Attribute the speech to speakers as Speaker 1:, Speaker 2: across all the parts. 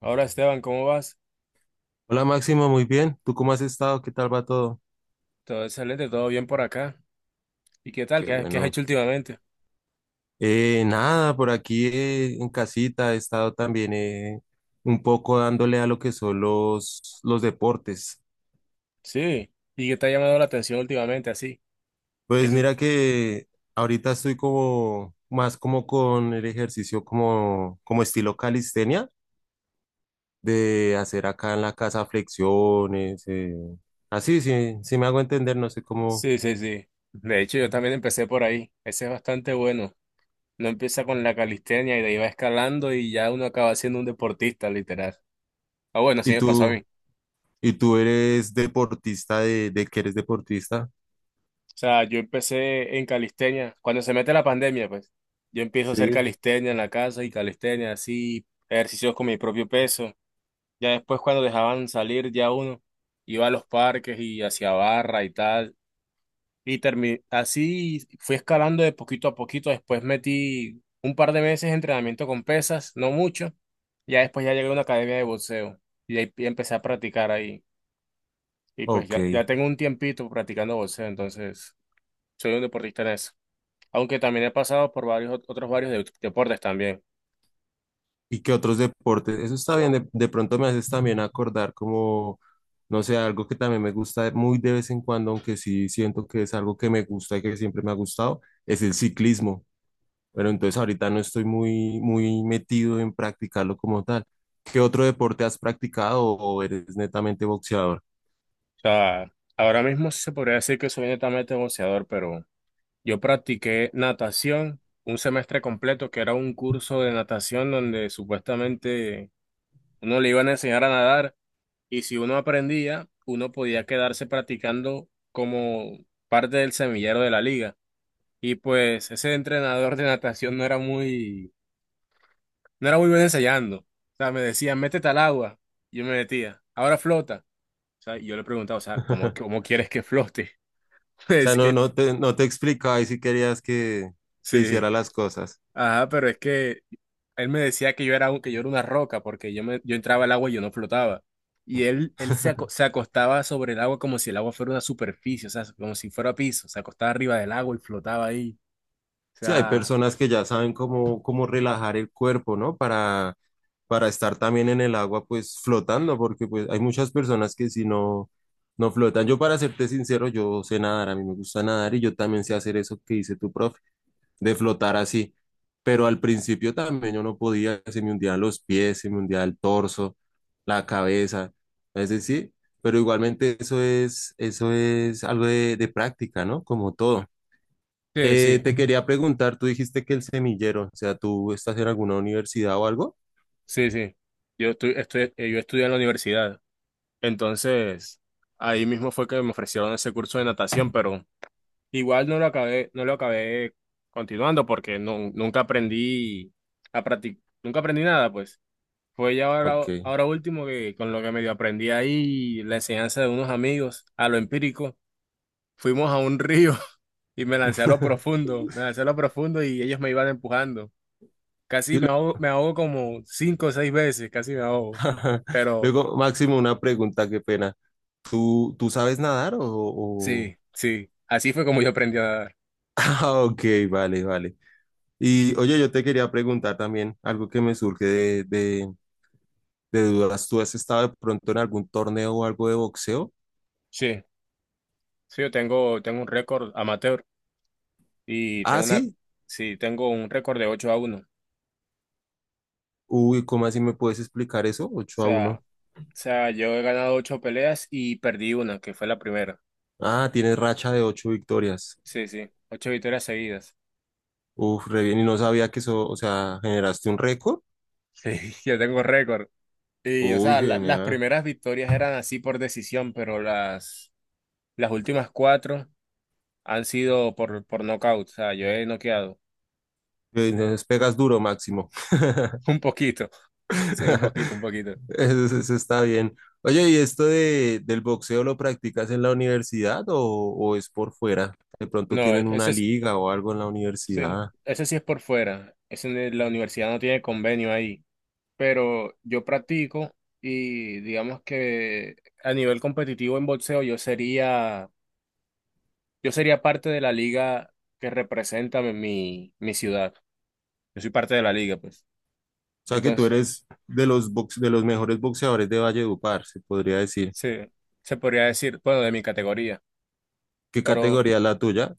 Speaker 1: Ahora, Esteban, ¿cómo vas?
Speaker 2: Hola Máximo, muy bien. ¿Tú cómo has estado? ¿Qué tal va todo?
Speaker 1: Todo excelente, todo bien por acá. ¿Y qué tal?
Speaker 2: Qué
Speaker 1: ¿¿Qué has
Speaker 2: bueno.
Speaker 1: hecho últimamente?
Speaker 2: Nada, por aquí en casita he estado también un poco dándole a lo que son los deportes.
Speaker 1: Sí. ¿Y qué te ha llamado la atención últimamente así? ¿Qué
Speaker 2: Pues
Speaker 1: se-
Speaker 2: mira que ahorita estoy como más como con el ejercicio como estilo calistenia, de hacer acá en la casa flexiones. Así, sí, sí me hago entender, no sé cómo.
Speaker 1: Sí, sí, sí. De hecho, yo también empecé por ahí. Ese es bastante bueno. No empieza con la calistenia y de ahí va escalando y ya uno acaba siendo un deportista, literal. Ah, bueno, así
Speaker 2: ¿Y
Speaker 1: me pasó a mí.
Speaker 2: tú, y tú eres deportista de que eres deportista?
Speaker 1: O sea, yo empecé en calistenia. Cuando se mete la pandemia, pues, yo empiezo a hacer
Speaker 2: Sí.
Speaker 1: calistenia en la casa y calistenia así, ejercicios con mi propio peso. Ya después, cuando dejaban salir, ya uno iba a los parques y hacia barra y tal. Y así fui escalando de poquito a poquito. Después metí un par de meses de entrenamiento con pesas, no mucho. Ya después ya llegué a una academia de boxeo y ahí empecé a practicar ahí. Y pues
Speaker 2: Ok.
Speaker 1: ya, ya tengo un tiempito practicando boxeo, entonces soy un deportista en eso. Aunque también he pasado por varios otros varios deportes también.
Speaker 2: ¿Y qué otros deportes? Eso está bien. De pronto me haces también acordar como, no sé, algo que también me gusta muy de vez en cuando, aunque sí siento que es algo que me gusta y que siempre me ha gustado, es el ciclismo. Pero entonces ahorita no estoy muy, muy metido en practicarlo como tal. ¿Qué otro deporte has practicado o eres netamente boxeador?
Speaker 1: O sea, ahora mismo sí se podría decir que soy netamente boxeador, pero yo practiqué natación un semestre completo, que era un curso de natación donde supuestamente uno le iban a enseñar a nadar, y si uno aprendía, uno podía quedarse practicando como parte del semillero de la liga. Y pues ese entrenador de natación no era muy, no era muy bueno enseñando. O sea, me decía, métete al agua. Yo me metía, ahora flota. O sea, y yo le preguntaba, o sea, ¿cómo, cómo quieres que flote? Me
Speaker 2: O sea, no,
Speaker 1: decía,
Speaker 2: no te explicaba y si querías que
Speaker 1: sí.
Speaker 2: hiciera las cosas.
Speaker 1: Ajá, pero es que él me decía que yo era, que yo era una roca porque yo, me, yo entraba al agua y yo no flotaba. Y él, él se se acostaba sobre el agua como si el agua fuera una superficie, o sea, como si fuera piso. Se acostaba arriba del agua y flotaba ahí. O
Speaker 2: Sí, hay
Speaker 1: sea,
Speaker 2: personas que ya saben cómo relajar el cuerpo, ¿no? Para estar también en el agua, pues flotando, porque pues hay muchas personas que si no, no flotan. Yo, para serte sincero, yo sé nadar, a mí me gusta nadar y yo también sé hacer eso que dice tu profe, de flotar así. Pero al principio también yo no podía, se me hundían los pies, se me hundía el torso, la cabeza, es decir, pero igualmente eso es algo de práctica, ¿no? Como todo.
Speaker 1: sí, sí,
Speaker 2: Te quería preguntar, tú dijiste que el semillero, o sea, ¿tú estás en alguna universidad o algo?
Speaker 1: sí, sí. Yo, yo estudié en la universidad. Entonces, ahí mismo fue que me ofrecieron ese curso de natación, pero igual no lo acabé, no lo acabé continuando porque no, nunca aprendí a practicar, nunca aprendí nada, pues. Fue ya ahora,
Speaker 2: Ok.
Speaker 1: ahora último que con lo que medio aprendí ahí, la enseñanza de unos amigos, a lo empírico, fuimos a un río y me lancé a lo profundo, me lancé a lo profundo y ellos me iban empujando. Casi
Speaker 2: Sí, lo-
Speaker 1: me ahogo como cinco o seis veces, casi me ahogo. Pero
Speaker 2: Luego, Máximo, una pregunta, qué pena. ¿Tú sabes nadar
Speaker 1: sí, sí, así fue como yo aprendí a nadar.
Speaker 2: Ah, ok, vale, vale. Y oye, yo te quería preguntar también algo que me surge de dudas. ¿Tú has estado de pronto en algún torneo o algo de boxeo?
Speaker 1: Sí, sí, yo tengo, tengo un récord amateur y
Speaker 2: Ah,
Speaker 1: tengo una,
Speaker 2: sí.
Speaker 1: sí, tengo un récord de 8 a uno.
Speaker 2: Uy, ¿cómo así me puedes explicar eso? 8 a
Speaker 1: O
Speaker 2: uno.
Speaker 1: sea, yo he ganado ocho peleas y perdí una, que fue la primera.
Speaker 2: Ah, tienes racha de 8 victorias.
Speaker 1: Sí, sí, ocho victorias seguidas.
Speaker 2: Uf, re bien. Y no sabía que eso, o sea, generaste un récord.
Speaker 1: Sí, yo tengo récord. Y, o
Speaker 2: Uy,
Speaker 1: sea, las
Speaker 2: genial.
Speaker 1: primeras victorias eran así por decisión, pero las últimas cuatro han sido por nocaut. O sea, yo he noqueado.
Speaker 2: Entonces pegas duro, Máximo.
Speaker 1: Un poquito. Sí, un poquito, un poquito.
Speaker 2: Está bien. Oye, ¿y esto del boxeo lo practicas en la universidad o es por fuera? De pronto
Speaker 1: No,
Speaker 2: tienen una
Speaker 1: ese sí,
Speaker 2: liga o algo en la
Speaker 1: sí,
Speaker 2: universidad. O
Speaker 1: ese sí es por fuera. Ese, la universidad no tiene convenio ahí. Pero yo practico y digamos que a nivel competitivo en boxeo yo sería, yo sería parte de la liga que representa mi, mi ciudad. Yo soy parte de la liga, pues.
Speaker 2: sea que tú
Speaker 1: Entonces,
Speaker 2: eres de los mejores boxeadores de Valledupar, se podría decir.
Speaker 1: sí, se podría decir, bueno, de mi categoría.
Speaker 2: ¿Qué
Speaker 1: Pero,
Speaker 2: categoría es la tuya?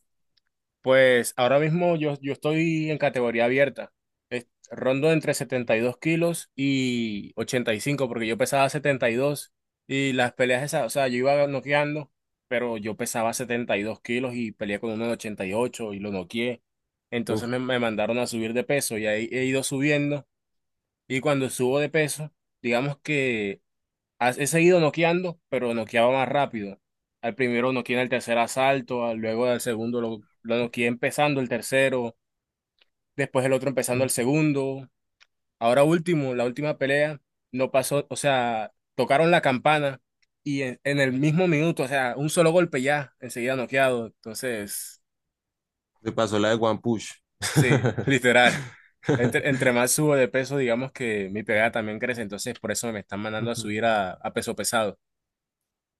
Speaker 1: pues, ahora mismo yo, yo estoy en categoría abierta. Rondo entre 72 kilos y ochenta y cinco, porque yo pesaba setenta y dos y las peleas esas, o sea, yo iba noqueando, pero yo pesaba 72 kilos y peleé con uno de 88 y ocho y lo noqueé. Entonces
Speaker 2: Uf,
Speaker 1: me mandaron a subir de peso y ahí he ido subiendo. Y cuando subo de peso, digamos que he seguido noqueando, pero noqueaba más rápido. Al primero noqueé en el tercer asalto, luego al segundo lo noqueé empezando el tercero, después el otro empezando el segundo. Ahora último, la última pelea, no pasó, o sea, tocaron la campana y en el mismo minuto, o sea, un solo golpe ya, enseguida noqueado. Entonces,
Speaker 2: te pasó la de One Push.
Speaker 1: sí, literal. Entre, entre más subo de peso, digamos que mi pegada también crece, entonces por eso me están mandando a subir a peso pesado.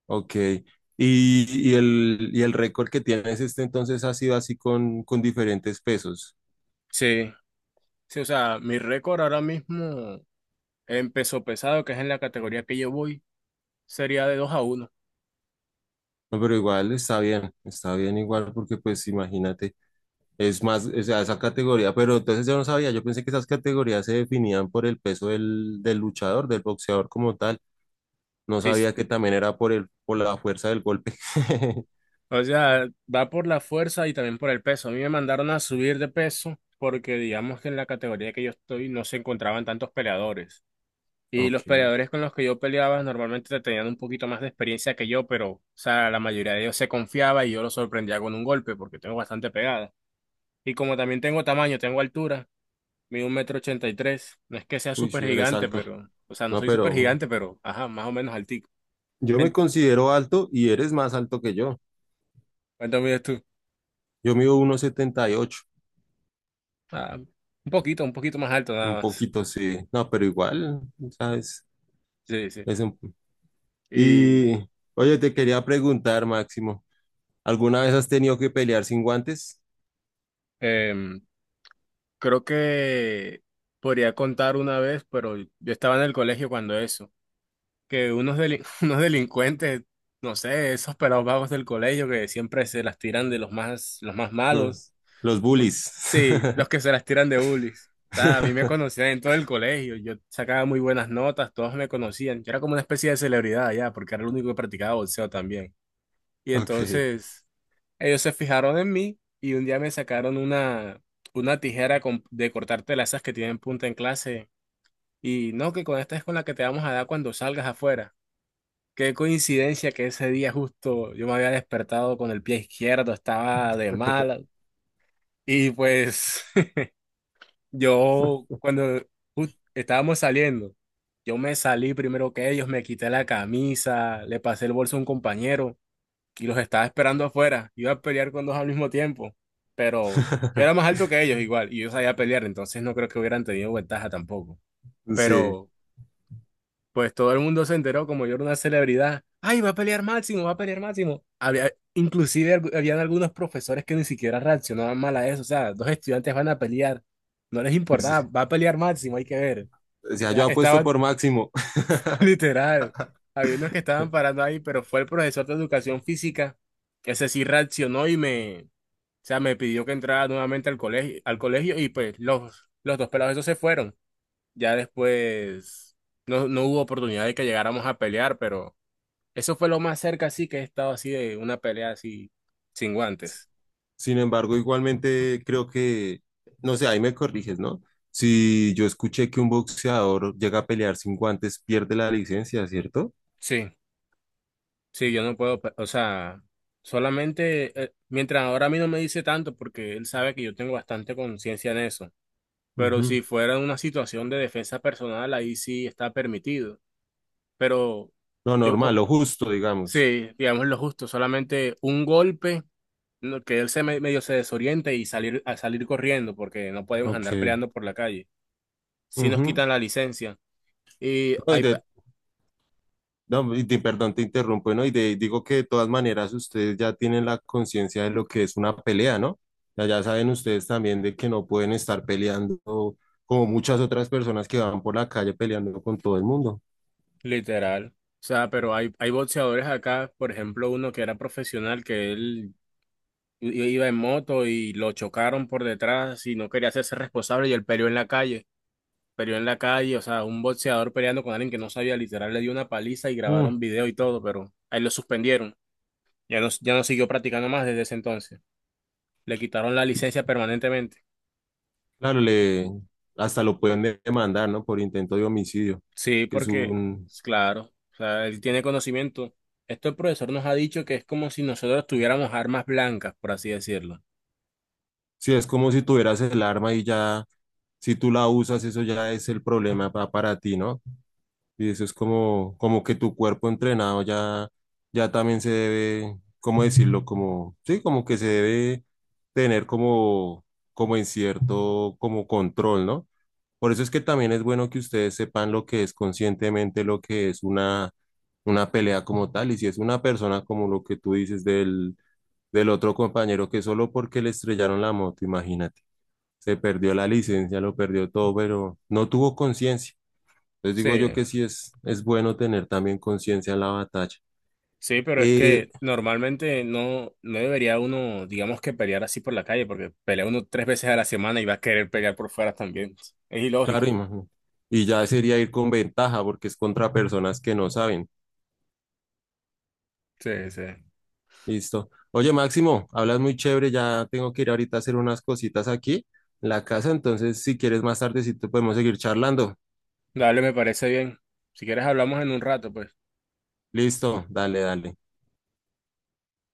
Speaker 2: Ok. Y el récord que tienes este entonces ha sido así con diferentes pesos.
Speaker 1: Sí, sí, o sea, mi récord ahora mismo en peso pesado, que es en la categoría que yo voy, sería de 2 a uno.
Speaker 2: No, pero igual está bien igual porque pues imagínate, es más, o sea, esa categoría, pero entonces yo no sabía, yo pensé que esas categorías se definían por el peso del luchador, del boxeador como tal. No
Speaker 1: Sí,
Speaker 2: sabía que también era por la fuerza del golpe.
Speaker 1: o sea, va por la fuerza y también por el peso. A mí me mandaron a subir de peso porque digamos que en la categoría que yo estoy no se encontraban tantos peleadores. Y los
Speaker 2: Ok.
Speaker 1: peleadores con los que yo peleaba normalmente tenían un poquito más de experiencia que yo, pero, o sea, la mayoría de ellos se confiaba y yo los sorprendía con un golpe porque tengo bastante pegada. Y como también tengo tamaño, tengo altura, mido 1,83 m. No es que sea
Speaker 2: Uy,
Speaker 1: súper
Speaker 2: sí, eres
Speaker 1: gigante,
Speaker 2: alto.
Speaker 1: pero, o sea, no
Speaker 2: No,
Speaker 1: soy súper
Speaker 2: pero
Speaker 1: gigante, pero, ajá, más o menos altico.
Speaker 2: yo me
Speaker 1: En-
Speaker 2: considero alto y eres más alto que yo.
Speaker 1: ¿Cuánto mides tú?
Speaker 2: Yo mido 1,78.
Speaker 1: Ah, un poquito más alto nada
Speaker 2: Un
Speaker 1: más.
Speaker 2: poquito sí, no, pero igual, ¿sabes?
Speaker 1: Sí, sí.
Speaker 2: Es un...
Speaker 1: Y
Speaker 2: Y, oye, te quería preguntar, Máximo, ¿alguna vez has tenido que pelear sin guantes?
Speaker 1: em, creo que podría contar una vez, pero yo estaba en el colegio cuando eso. Que unos, unos delincuentes, no sé, esos pelados vagos del colegio que siempre se las tiran de los más malos.
Speaker 2: Los, los
Speaker 1: u-
Speaker 2: bullies.
Speaker 1: Sí, los que se las tiran de bullies. O sea, a mí me conocían en todo el colegio, yo sacaba muy buenas notas, todos me conocían. Yo era como una especie de celebridad ya, porque era el único que practicaba boxeo también. Y
Speaker 2: Ok,
Speaker 1: entonces ellos se fijaron en mí y un día me sacaron una tijera de cortar telas, esas que tienen punta, en clase. Y no, que con esta es con la que te vamos a dar cuando salgas afuera. Qué coincidencia que ese día justo yo me había despertado con el pie izquierdo, estaba de mala. Y pues yo cuando estábamos saliendo, yo me salí primero que ellos, me quité la camisa, le pasé el bolso a un compañero y los estaba esperando afuera. Iba a pelear con dos al mismo tiempo, pero yo era más alto que ellos igual y yo sabía pelear, entonces no creo que hubieran tenido ventaja tampoco.
Speaker 2: sí,
Speaker 1: Pero pues todo el mundo se enteró, como yo era una celebridad. ¡Ay, va a pelear Máximo, va a pelear Máximo! Había, inclusive habían algunos profesores que ni siquiera reaccionaban mal a eso. O sea, dos estudiantes van a pelear. No les
Speaker 2: sí.
Speaker 1: importaba, va a pelear Máximo, hay que ver.
Speaker 2: O sea,
Speaker 1: Está,
Speaker 2: yo apuesto
Speaker 1: estaban
Speaker 2: por Máximo.
Speaker 1: literal. Había unos que estaban parando ahí, pero fue el profesor de educación física. Ese sí reaccionó y me, o sea, me pidió que entrara nuevamente al colegio, al colegio, y pues los dos pelados esos se fueron. Ya después no, no hubo oportunidad de que llegáramos a pelear, pero eso fue lo más cerca así que he estado así de una pelea así sin guantes.
Speaker 2: Sin embargo, igualmente creo que, no sé, ahí me corriges, ¿no? Si yo escuché que un boxeador llega a pelear sin guantes, pierde la licencia, ¿cierto?
Speaker 1: Sí, sí, yo no puedo, o sea, solamente mientras ahora a mí no me dice tanto porque él sabe que yo tengo bastante conciencia en eso, pero
Speaker 2: Ujú.
Speaker 1: si fuera una situación de defensa personal ahí sí está permitido, pero
Speaker 2: Lo
Speaker 1: yo
Speaker 2: normal,
Speaker 1: co-
Speaker 2: lo justo, digamos.
Speaker 1: sí, digamos lo justo, solamente un golpe, no, que él medio se desoriente, y salir, a salir corriendo, porque no podemos andar
Speaker 2: Ok.
Speaker 1: peleando por la calle. Si nos
Speaker 2: Ujú.
Speaker 1: quitan la licencia y
Speaker 2: No,
Speaker 1: hay pe-
Speaker 2: perdón, te interrumpo, ¿no? Digo que de todas maneras ustedes ya tienen la conciencia de lo que es una pelea, ¿no? Ya saben ustedes también de que no pueden estar peleando como muchas otras personas que van por la calle peleando con todo el mundo.
Speaker 1: literal, o sea, pero hay boxeadores acá, por ejemplo, uno que era profesional que él iba en moto y lo chocaron por detrás y no quería hacerse responsable y él peleó en la calle. Peleó en la calle, o sea, un boxeador peleando con alguien que no sabía, literal, le dio una paliza y
Speaker 2: Mm.
Speaker 1: grabaron video y todo, pero ahí lo suspendieron. Ya no, ya no siguió practicando más desde ese entonces. Le quitaron la licencia permanentemente.
Speaker 2: Claro, hasta lo pueden demandar, ¿no? Por intento de homicidio,
Speaker 1: Sí,
Speaker 2: que es
Speaker 1: porque,
Speaker 2: un,
Speaker 1: pues, claro, o sea, él tiene conocimiento. Esto el profesor nos ha dicho que es como si nosotros tuviéramos armas blancas, por así decirlo.
Speaker 2: sí, es como si tuvieras el arma y ya, si tú la usas, eso ya es el problema para ti, ¿no? Y eso es como que tu cuerpo entrenado ya también se debe, ¿cómo decirlo? Como, sí, como que se debe tener como en cierto, como control, ¿no? Por eso es que también es bueno que ustedes sepan lo que es conscientemente, lo que es una pelea como tal. Y si es una persona como lo que tú dices del otro compañero que solo porque le estrellaron la moto, imagínate, se perdió la licencia, lo perdió todo, pero no tuvo conciencia. Entonces
Speaker 1: Sí,
Speaker 2: digo yo que sí es bueno tener también conciencia en la batalla.
Speaker 1: sí, pero es
Speaker 2: Eh,
Speaker 1: que normalmente no, no debería uno, digamos, que pelear así por la calle, porque pelea uno 3 veces a la semana y va a querer pelear por fuera también. Es ilógico.
Speaker 2: claro, imagino. Y ya sería ir con ventaja porque es contra personas que no saben.
Speaker 1: Sí, sí.
Speaker 2: Listo. Oye, Máximo, hablas muy chévere, ya tengo que ir ahorita a hacer unas cositas aquí en la casa, entonces si quieres más tardecito podemos seguir charlando.
Speaker 1: Dale, me parece bien. Si quieres hablamos en un rato, pues.
Speaker 2: Listo, dale, dale.